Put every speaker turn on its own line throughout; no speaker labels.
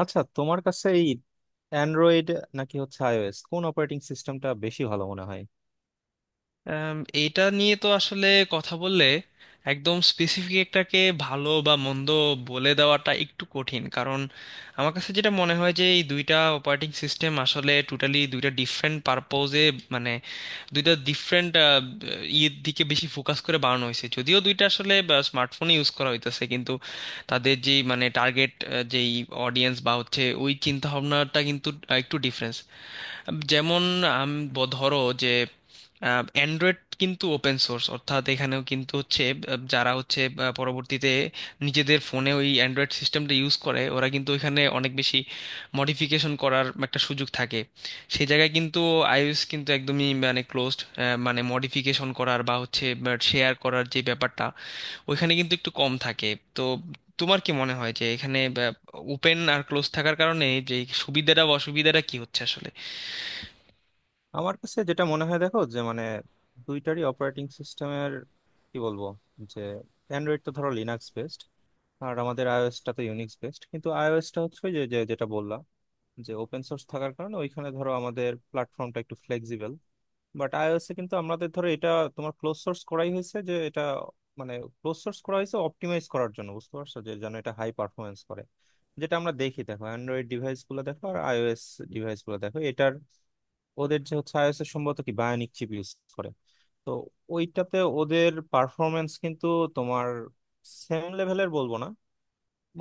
আচ্ছা, তোমার কাছে এই অ্যান্ড্রয়েড নাকি হচ্ছে আইওএস, কোন অপারেটিং সিস্টেমটা বেশি ভালো মনে হয়?
আম, এটা নিয়ে তো আসলে কথা বললে একদম স্পেসিফিক একটাকে ভালো বা মন্দ বলে দেওয়াটা একটু কঠিন, কারণ আমার কাছে যেটা মনে হয় যে এই দুইটা অপারেটিং সিস্টেম আসলে টোটালি দুইটা ডিফারেন্ট পারপোজে, মানে দুইটা ডিফারেন্ট ইয়ের দিকে বেশি ফোকাস করে বানানো হয়েছে। যদিও দুইটা আসলে স্মার্টফোনে ইউজ করা হইতেছে, কিন্তু তাদের যেই মানে টার্গেট যেই অডিয়েন্স বা হচ্ছে ওই চিন্তা ভাবনাটা কিন্তু একটু ডিফারেন্স। যেমন, আম, ধরো যে অ্যান্ড্রয়েড কিন্তু ওপেন সোর্স, অর্থাৎ এখানেও কিন্তু হচ্ছে যারা হচ্ছে পরবর্তীতে নিজেদের ফোনে ওই অ্যান্ড্রয়েড সিস্টেমটা ইউজ করে, ওরা কিন্তু ওইখানে অনেক বেশি মডিফিকেশন করার একটা সুযোগ থাকে। সেই জায়গায় কিন্তু আইওএস কিন্তু একদমই মানে ক্লোজড, মানে মডিফিকেশন করার বা হচ্ছে শেয়ার করার যে ব্যাপারটা ওইখানে কিন্তু একটু কম থাকে। তো তোমার কি মনে হয় যে এখানে ওপেন আর ক্লোজ থাকার কারণে যে সুবিধাটা বা অসুবিধাটা কি হচ্ছে আসলে?
আমার কাছে যেটা মনে হয়, দেখো যে মানে দুইটারই অপারেটিং সিস্টেমের কি বলবো, যে অ্যান্ড্রয়েড তো ধরো লিনাক্স বেসড, আর আমাদের আইওএসটা তো ইউনিক্স বেসড। কিন্তু আইওএসটা হচ্ছে ওই যে যে- যেটা বললাম, যে ওপেন সোর্স থাকার কারণে ওইখানে ধরো আমাদের প্ল্যাটফর্মটা একটু ফ্লেক্সিবল। বাট আইওএসে কিন্তু আমাদের ধরো এটা তোমার ক্লোজ সোর্স করাই হয়েছে যে এটা মানে ক্লোজ সোর্স করা হয়েছে অপটিমাইজ করার জন্য, বুঝতে পারছো, যে যেন এটা হাই পারফরমেন্স করে। যেটা আমরা দেখি, দেখো অ্যান্ড্রয়েড ডিভাইস গুলো দেখো, আর আইওএস ডিভাইস গুলো দেখো, এটার ওদের যে হচ্ছে আইওএস এর সম্ভবত কি বায়োনিক চিপ ইউজ করে, তো ওইটাতে ওদের পারফরমেন্স কিন্তু তোমার সেম লেভেলের বলবো না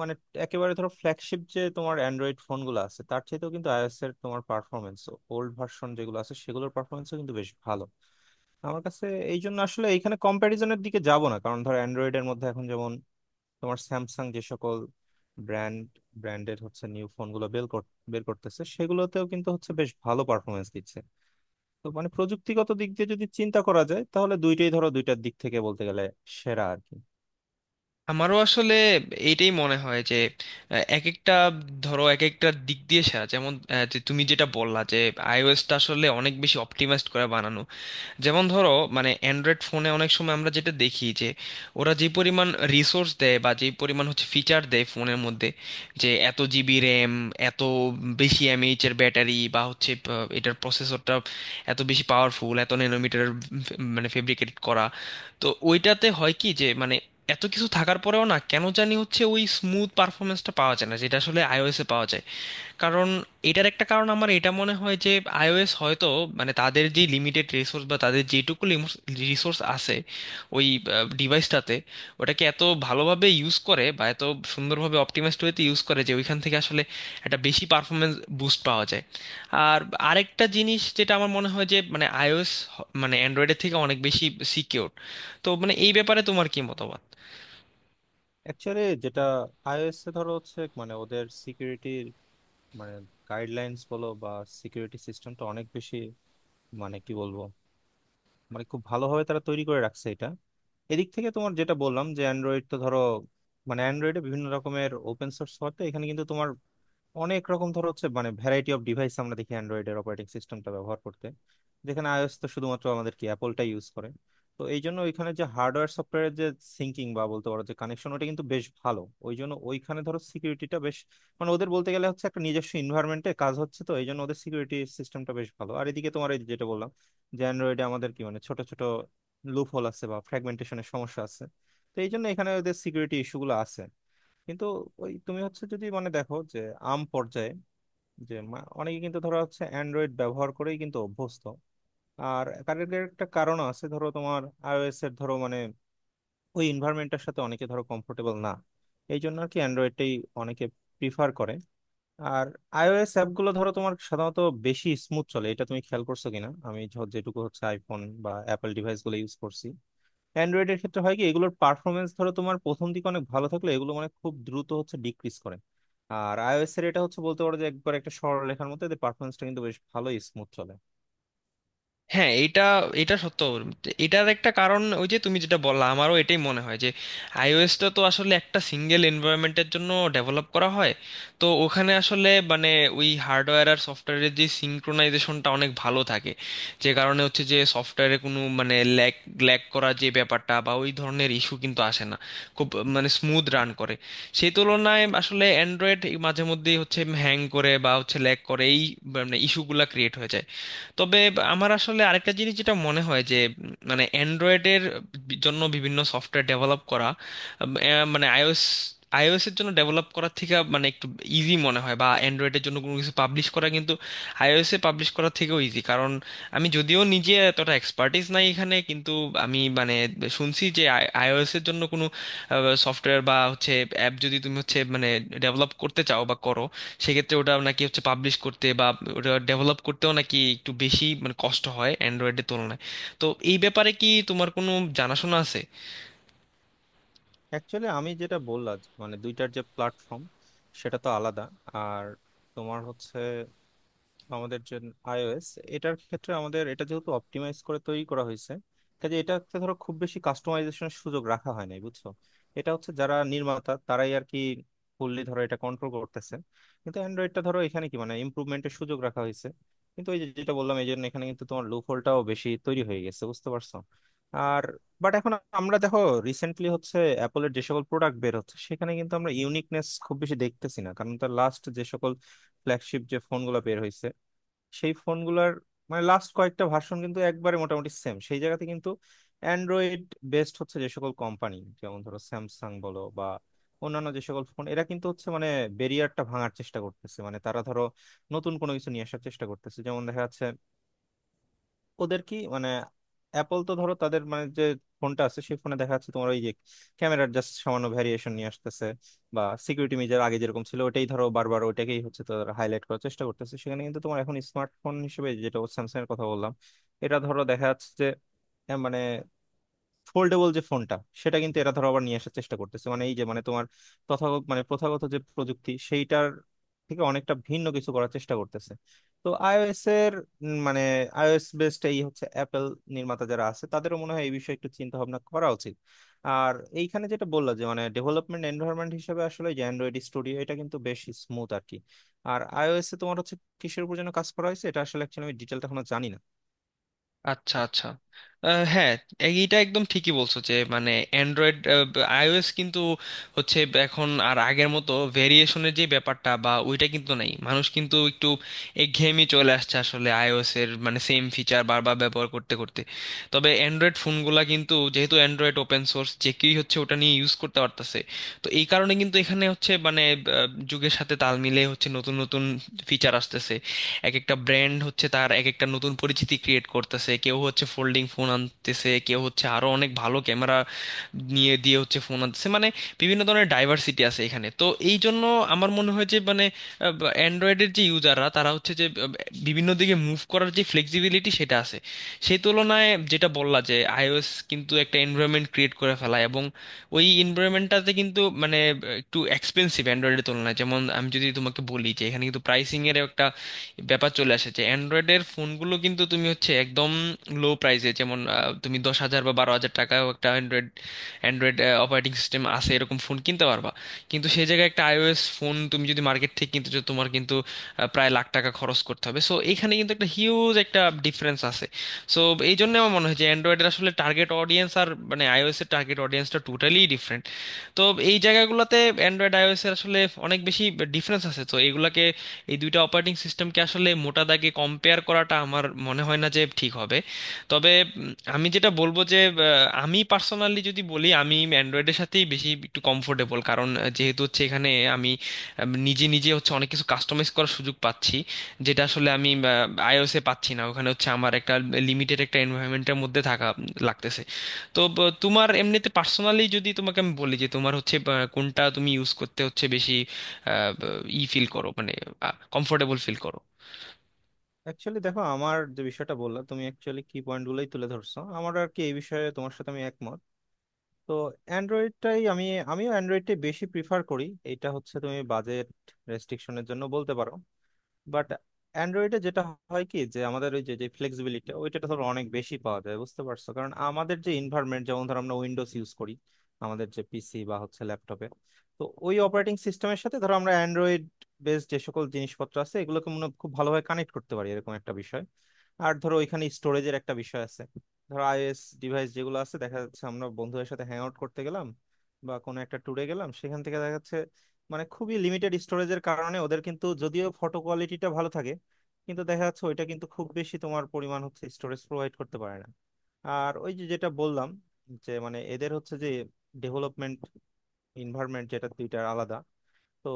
মানে। একেবারে ধরো ফ্ল্যাগশিপ যে তোমার অ্যান্ড্রয়েড ফোন গুলো আছে তার চাইতেও কিন্তু আইওএস এর তোমার পারফরমেন্স, ওল্ড ভার্সন যেগুলো আছে সেগুলোর পারফরমেন্সও কিন্তু বেশ ভালো আমার কাছে। এই জন্য আসলে এইখানে কম্প্যারিজনের দিকে যাব না, কারণ ধর অ্যান্ড্রয়েড এর মধ্যে এখন যেমন তোমার স্যামসাং যে সকল ব্র্যান্ড ব্র্যান্ডের হচ্ছে নিউ ফোন গুলো বের করতেছে, সেগুলোতেও কিন্তু হচ্ছে বেশ ভালো পারফরমেন্স দিচ্ছে। তো মানে প্রযুক্তিগত দিক দিয়ে যদি চিন্তা করা যায়, তাহলে দুইটাই ধরো দুইটার দিক থেকে বলতে গেলে সেরা আর কি।
আমারও আসলে এইটাই মনে হয় যে এক একটা ধরো এক একটা দিক দিয়ে সেরা। যেমন যে তুমি যেটা বললা যে আইওএসটা আসলে অনেক বেশি অপটিমাইজড করে বানানো। যেমন ধরো মানে অ্যান্ড্রয়েড ফোনে অনেক সময় আমরা যেটা দেখি যে ওরা যে পরিমাণ রিসোর্স দেয় বা যে পরিমাণ হচ্ছে ফিচার দেয় ফোনের মধ্যে, যে এত জিবি র্যাম, এত বেশি এমএইচ এর ব্যাটারি, বা হচ্ছে এটার প্রসেসরটা এত বেশি পাওয়ারফুল, এত ন্যানোমিটার মানে ফেব্রিকেট করা, তো ওইটাতে হয় কি যে মানে এত কিছু থাকার পরেও না কেন জানি হচ্ছে ওই স্মুথ পারফরমেন্সটা পাওয়া যায় না, যেটা আসলে আইওএসে পাওয়া যায়। কারণ, এটার একটা কারণ আমার এটা মনে হয় যে আইওএস হয়তো মানে তাদের যে লিমিটেড রিসোর্স বা তাদের যেটুকু রিসোর্স আছে ওই ডিভাইসটাতে, ওটাকে এত ভালোভাবে ইউজ করে বা এত সুন্দরভাবে অপটিমাইজড ওয়েতে ইউজ করে যে ওইখান থেকে আসলে একটা বেশি পারফরমেন্স বুস্ট পাওয়া যায়। আর আরেকটা জিনিস যেটা আমার মনে হয় যে মানে আইওএস মানে অ্যান্ড্রয়েডের থেকে অনেক বেশি সিকিউর। তো মানে এই ব্যাপারে তোমার কি মতামত?
অ্যাকচুয়ালি, যেটা আইওএস এ ধরো হচ্ছে মানে ওদের সিকিউরিটির মানে গাইডলাইন্স বলো বা সিকিউরিটি সিস্টেমটা অনেক বেশি মানে কি বলবো, মানে খুব ভালোভাবে তারা তৈরি করে রাখছে এটা। এদিক থেকে তোমার যেটা বললাম, যে অ্যান্ড্রয়েড তো ধরো মানে অ্যান্ড্রয়েডে বিভিন্ন রকমের ওপেন সোর্স হতে এখানে কিন্তু তোমার অনেক রকম ধর হচ্ছে মানে ভ্যারাইটি অফ ডিভাইস আমরা দেখি অ্যান্ড্রয়েডের অপারেটিং সিস্টেমটা ব্যবহার করতে, যেখানে আইওএস তো শুধুমাত্র আমাদের কি অ্যাপলটা ইউজ করে। তো এই জন্য ওইখানে যে হার্ডওয়্যার সফটওয়্যারের যে সিঙ্কিং বা বলতে পারো যে কানেকশন, ওটা কিন্তু বেশ ভালো। ওই জন্য ওইখানে ধরো সিকিউরিটিটা বেশ মানে ওদের বলতে গেলে হচ্ছে একটা নিজস্ব এনভায়রনমেন্টে কাজ হচ্ছে, তো এই জন্য ওদের সিকিউরিটি সিস্টেমটা বেশ ভালো। আর এদিকে তোমার এই যেটা বললাম, যে অ্যান্ড্রয়েডে আমাদের কি মানে ছোট ছোট লুপ হোল আছে বা ফ্র্যাগমেন্টেশনের সমস্যা আছে, তো এই জন্য এখানে ওদের সিকিউরিটি ইস্যুগুলো আছে। কিন্তু ওই তুমি হচ্ছে যদি মানে দেখো যে আম পর্যায়ে যে অনেকে কিন্তু ধরো হচ্ছে অ্যান্ড্রয়েড ব্যবহার করেই কিন্তু অভ্যস্ত। আর তার এর একটা কারণ আছে, ধরো তোমার আইওএস এর ধরো মানে ওই এনভায়রনমেন্টটার সাথে অনেকে ধরো কমফোর্টেবল না, এই জন্য আর কি অ্যান্ড্রয়েডটাই অনেকে প্রিফার করে। আর আইওএস অ্যাপগুলো ধরো তোমার সাধারণত বেশি স্মুথ চলে, এটা তুমি খেয়াল করছো কিনা, আমি যেটুকু হচ্ছে আইফোন বা অ্যাপল ডিভাইসগুলো ইউজ করছি। অ্যান্ড্রয়েডের ক্ষেত্রে হয় কি, এগুলোর পারফরমেন্স ধরো তোমার প্রথম দিকে অনেক ভালো থাকলে এগুলো মানে খুব দ্রুত হচ্ছে ডিক্রিজ করে। আর আইওএস এর এটা হচ্ছে, বলতে পারো যে একবার একটা সরল লেখার মধ্যে এদের পারফরমেন্সটা কিন্তু বেশ ভালোই স্মুথ চলে।
হ্যাঁ, এটা, এটা সত্য। এটার একটা কারণ ওই যে তুমি যেটা বললা, আমারও এটাই মনে হয় যে আইওএসটা তো আসলে একটা সিঙ্গেল এনভায়রনমেন্টের জন্য ডেভেলপ করা হয়। তো ওখানে আসলে মানে ওই হার্ডওয়্যার আর সফটওয়্যারের যে সিঙ্ক্রোনাইজেশনটা অনেক ভালো থাকে, যে কারণে হচ্ছে যে সফটওয়্যারে কোনো মানে ল্যাগ, করা যে ব্যাপারটা বা ওই ধরনের ইস্যু কিন্তু আসে না। খুব মানে স্মুথ রান করে। সেই তুলনায় আসলে অ্যান্ড্রয়েড মাঝে মধ্যেই হচ্ছে হ্যাং করে বা হচ্ছে ল্যাগ করে, এই মানে ইস্যুগুলা ক্রিয়েট হয়ে যায়। তবে আমার আসলে আরেকটা জিনিস যেটা মনে হয় যে মানে অ্যান্ড্রয়েডের জন্য বিভিন্ন সফটওয়্যার ডেভেলপ করা মানে আইওএস আইওএস এর জন্য ডেভেলপ করার থেকে মানে একটু ইজি মনে হয়। বা অ্যান্ড্রয়েডের জন্য কোনো কিছু পাবলিশ করা কিন্তু আইওএস এ পাবলিশ করার থেকেও ইজি। কারণ আমি যদিও নিজে এতটা এক্সপার্টিস নাই এখানে, কিন্তু আমি মানে শুনছি যে আইওএস এর জন্য কোনো সফটওয়্যার বা হচ্ছে অ্যাপ যদি তুমি হচ্ছে মানে ডেভেলপ করতে চাও বা করো, সেক্ষেত্রে ওটা নাকি হচ্ছে পাবলিশ করতে বা ওটা ডেভেলপ করতেও নাকি একটু বেশি মানে কষ্ট হয় অ্যান্ড্রয়েডের তুলনায়। তো এই ব্যাপারে কি তোমার কোনো জানাশোনা আছে?
অ্যাকচুয়ালি আমি যেটা বললাম, যে মানে দুইটার যে প্ল্যাটফর্ম সেটা তো আলাদা। আর তোমার হচ্ছে আমাদের যে iOS, এটার ক্ষেত্রে আমাদের এটা যেহেতু অপটিমাইজ করে তৈরি করা হয়েছে, কাজে এটাতে ধরো খুব বেশি কাস্টমাইজেশনের সুযোগ রাখা হয় নাই, বুঝছো। এটা হচ্ছে যারা নির্মাতা তারাই আর কি ফুললি ধরো এটা কন্ট্রোল করতেছে। কিন্তু অ্যান্ড্রয়েডটা ধরো এখানে কি মানে ইমপ্রুভমেন্টের সুযোগ রাখা হয়েছে, কিন্তু এই যে যেটা বললাম, এই জন্য এখানে কিন্তু তোমার লুপ হোলটাও বেশি তৈরি হয়ে গেছে, বুঝতে পারছো। আর বাট এখন আমরা দেখো রিসেন্টলি হচ্ছে অ্যাপলের যে সকল প্রোডাক্ট বের হচ্ছে, সেখানে কিন্তু আমরা ইউনিকনেস খুব বেশি দেখতেছি না, কারণ তার লাস্ট যে সকল ফ্ল্যাগশিপ যে ফোনগুলো বের হয়েছে, সেই ফোনগুলার মানে লাস্ট কয়েকটা ভার্সন কিন্তু একবারে মোটামুটি সেম। সেই জায়গাতে কিন্তু অ্যান্ড্রয়েড বেসড হচ্ছে যে সকল কোম্পানি, যেমন ধরো স্যামসাং বলো বা অন্যান্য যে সকল ফোন, এরা কিন্তু হচ্ছে মানে ব্যারিয়ারটা ভাঙার চেষ্টা করতেছে, মানে তারা ধরো নতুন কোনো কিছু নিয়ে আসার চেষ্টা করতেছে। যেমন দেখা যাচ্ছে ওদের কি মানে অ্যাপল তো ধরো তাদের মানে যে ফোনটা আছে, সেই ফোনে দেখা যাচ্ছে তোমার ওই যে ক্যামেরার জাস্ট সামান্য ভ্যারিয়েশন নিয়ে আসতেছে, বা সিকিউরিটি মেজার আগে যেরকম ছিল ওটাই ধরো বারবার ওইটাকেই হচ্ছে তারা হাইলাইট করার চেষ্টা করতেছে। সেখানে কিন্তু তোমার এখন স্মার্টফোন হিসেবে যেটা স্যামসাং এর কথা বললাম, এটা ধরো দেখা যাচ্ছে যে হ্যাঁ, মানে ফোল্ডেবল যে ফোনটা, সেটা কিন্তু এরা ধরো আবার নিয়ে আসার চেষ্টা করতেছে, মানে এই যে মানে তোমার তথাগত মানে প্রথাগত যে প্রযুক্তি সেইটার থেকে অনেকটা ভিন্ন কিছু করার চেষ্টা করতেছে। তো আইওএস এর মানে আইওএস বেসড এই হচ্ছে অ্যাপেল নির্মাতা যারা আছে, তাদেরও মনে হয় এই বিষয়ে একটু চিন্তা ভাবনা করা উচিত। আর এইখানে যেটা বললা, যে মানে ডেভেলপমেন্ট এনভায়রনমেন্ট হিসেবে আসলে যে অ্যান্ড্রয়েড স্টুডিও, এটা কিন্তু বেশ স্মুথ আর কি। আর আইওএস এ তোমার হচ্ছে কিসের উপর যেন কাজ করা হয়েছে, এটা আসলে অ্যাকচুয়ালি আমি ডিটেলটা এখনো জানি না।
আচ্ছা, আচ্ছা। হ্যাঁ, এইটা একদম ঠিকই বলছো যে মানে অ্যান্ড্রয়েড, আইওএস কিন্তু হচ্ছে এখন আর আগের মতো ভেরিয়েশনের যে ব্যাপারটা বা ওইটা কিন্তু নাই। মানুষ কিন্তু একটু একঘেয়েমি চলে আসছে আসলে আইওএস এর, মানে সেম ফিচার বারবার ব্যবহার করতে করতে। তবে অ্যান্ড্রয়েড ফোনগুলা কিন্তু যেহেতু অ্যান্ড্রয়েড ওপেন সোর্স, যে কেউই হচ্ছে ওটা নিয়ে ইউজ করতে পারতেছে, তো এই কারণে কিন্তু এখানে হচ্ছে মানে যুগের সাথে তাল মিলে হচ্ছে নতুন নতুন ফিচার আসতেছে। এক একটা ব্র্যান্ড হচ্ছে তার এক একটা নতুন পরিচিতি ক্রিয়েট করতেছে, কেউ হচ্ছে ফোল্ডিং ফোন আনতেছে, কেউ হচ্ছে আরো অনেক ভালো ক্যামেরা নিয়ে দিয়ে হচ্ছে ফোন আনতেছে, মানে বিভিন্ন ধরনের ডাইভার্সিটি আছে এখানে। তো এই জন্য আমার মনে হয় যে মানে অ্যান্ড্রয়েডের যে ইউজাররা তারা হচ্ছে যে বিভিন্ন দিকে মুভ করার যে ফ্লেক্সিবিলিটি সেটা আছে। সেই তুলনায় যেটা বললা যে আইওএস কিন্তু একটা এনভায়রনমেন্ট ক্রিয়েট করে ফেলায়, এবং ওই এনভায়রনমেন্টটাতে কিন্তু মানে একটু এক্সপেন্সিভ অ্যান্ড্রয়েডের তুলনায়। যেমন আমি যদি তোমাকে বলি যে এখানে কিন্তু প্রাইসিং এর একটা ব্যাপার চলে আসে, যে অ্যান্ড্রয়েডের ফোনগুলো কিন্তু তুমি হচ্ছে একদম লো প্রাইসে, যেমন তুমি 10,000 বা 12,000 টাকাও একটা অ্যান্ড্রয়েড অ্যান্ড্রয়েড অপারেটিং সিস্টেম আছে এরকম ফোন কিনতে পারবা। কিন্তু সেই জায়গায় একটা আইওএস ফোন তুমি যদি মার্কেট থেকে কিনতে চাও, তোমার কিন্তু প্রায় লাখ টাকা খরচ করতে হবে। সো এখানে কিন্তু একটা হিউজ একটা ডিফারেন্স আছে। সো এই জন্য আমার মনে হয় যে অ্যান্ড্রয়েডের আসলে টার্গেট অডিয়েন্স আর মানে আইওএস এর টার্গেট অডিয়েন্সটা টোটালি ডিফারেন্ট। তো এই জায়গাগুলোতে অ্যান্ড্রয়েড, আইওএস এর আসলে অনেক বেশি ডিফারেন্স আছে। তো এগুলাকে, এই দুইটা অপারেটিং সিস্টেমকে আসলে মোটা দাগে কম্পেয়ার করাটা আমার মনে হয় না যে ঠিক হবে। তবে আমি যেটা বলবো যে আমি পার্সোনালি যদি বলি, আমি অ্যান্ড্রয়েডের সাথেই বেশি একটু কমফোর্টেবল, কারণ যেহেতু হচ্ছে এখানে আমি নিজে নিজে হচ্ছে অনেক কিছু কাস্টমাইজ করার সুযোগ পাচ্ছি, যেটা আসলে আমি আইওএসে পাচ্ছি না। ওখানে হচ্ছে আমার একটা লিমিটেড একটা এনভায়রনমেন্টের মধ্যে থাকা লাগতেছে। তো তোমার এমনিতে পার্সোনালি, যদি তোমাকে আমি বলি যে তোমার হচ্ছে কোনটা তুমি ইউজ করতে হচ্ছে বেশি আহ, ই ফিল করো, মানে কমফোর্টেবল ফিল করো?
অ্যাকচুয়ালি দেখো, আমার যে বিষয়টা বললাম, তুমি অ্যাকচুয়ালি কি পয়েন্ট গুলোই তুলে ধরছো আমার আর কি, এই বিষয়ে তোমার সাথে আমি একমত। তো অ্যান্ড্রয়েডটাই আমি আমিও অ্যান্ড্রয়েডটাই বেশি প্রিফার করি। এটা হচ্ছে তুমি বাজেট রেস্ট্রিকশনের জন্য বলতে পারো। বাট অ্যান্ড্রয়েডে যেটা হয় কি, যে আমাদের ওই যে যে ফ্লেক্সিবিলিটি ওইটা ধরো অনেক বেশি পাওয়া যায়, বুঝতে পারছো, কারণ আমাদের যে এনভায়রনমেন্ট যেমন ধরো আমরা উইন্ডোজ ইউজ করি আমাদের যে পিসি বা হচ্ছে ল্যাপটপে, তো ওই অপারেটিং সিস্টেমের সাথে ধরো আমরা অ্যান্ড্রয়েড বেস যে সকল জিনিসপত্র আছে এগুলোকে মনে হয় খুব ভালোভাবে কানেক্ট করতে পারি, এরকম একটা বিষয়। আর ধরো ওইখানে স্টোরেজের একটা বিষয় আছে, ধরো আইওএস ডিভাইস যেগুলো আছে দেখা যাচ্ছে আমরা বন্ধুদের সাথে হ্যাং আউট করতে গেলাম বা কোনো একটা ট্যুরে গেলাম, সেখান থেকে দেখা যাচ্ছে মানে খুবই লিমিটেড স্টোরেজের কারণে ওদের কিন্তু যদিও ফটো কোয়ালিটিটা ভালো থাকে, কিন্তু দেখা যাচ্ছে ওইটা কিন্তু খুব বেশি তোমার পরিমাণ হচ্ছে স্টোরেজ প্রোভাইড করতে পারে না। আর ওই যে যেটা বললাম, যে মানে এদের হচ্ছে যে ডেভেলপমেন্ট এনভায়রনমেন্ট যেটা দুইটা আলাদা, তো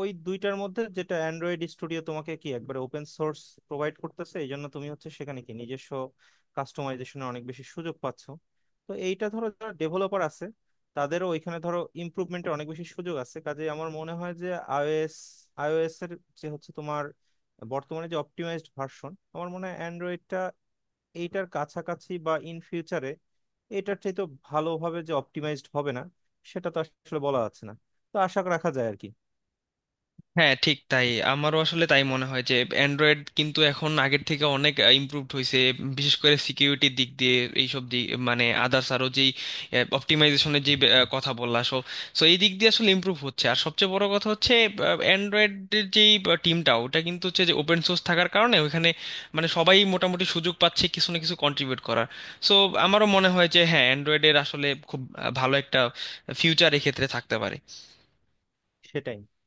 ওই দুইটার মধ্যে যেটা অ্যান্ড্রয়েড স্টুডিও তোমাকে কি একবারে ওপেন সোর্স প্রোভাইড করতেছে, এই জন্য তুমি হচ্ছে সেখানে কি নিজস্ব কাস্টমাইজেশনের অনেক বেশি সুযোগ পাচ্ছ। তো এইটা ধরো যারা ডেভেলপার আছে, তাদেরও ওইখানে ধরো ইমপ্রুভমেন্টের অনেক বেশি সুযোগ আছে। কাজে আমার মনে হয় যে আইওএস আইওএস এর যে হচ্ছে তোমার বর্তমানে যে অপটিমাইজড ভার্সন, আমার মনে হয় অ্যান্ড্রয়েডটা এইটার কাছাকাছি বা ইন ফিউচারে এটার চাইতে ভালোভাবে যে অপটিমাইজড হবে না সেটা তো আসলে বলা যাচ্ছে না। তো আশা রাখা যায় আর কি।
হ্যাঁ, ঠিক তাই। আমারও আসলে তাই মনে হয় যে অ্যান্ড্রয়েড কিন্তু এখন আগের থেকে অনেক ইমপ্রুভড হয়েছে, বিশেষ করে সিকিউরিটির দিক দিয়ে, এইসব দিক মানে আদার্স আরও যেই অপটিমাইজেশনের যে কথা বললা। সো, সো এই দিক দিয়ে আসলে ইমপ্রুভ হচ্ছে। আর সবচেয়ে বড় কথা হচ্ছে অ্যান্ড্রয়েডের যেই টিমটা ওটা কিন্তু হচ্ছে যে ওপেন সোর্স থাকার কারণে ওইখানে মানে সবাই মোটামুটি সুযোগ পাচ্ছে কিছু না কিছু কন্ট্রিবিউট করার। সো আমারও মনে হয় যে হ্যাঁ, অ্যান্ড্রয়েডের আসলে খুব ভালো একটা ফিউচার এক্ষেত্রে থাকতে পারে।
সেটাই।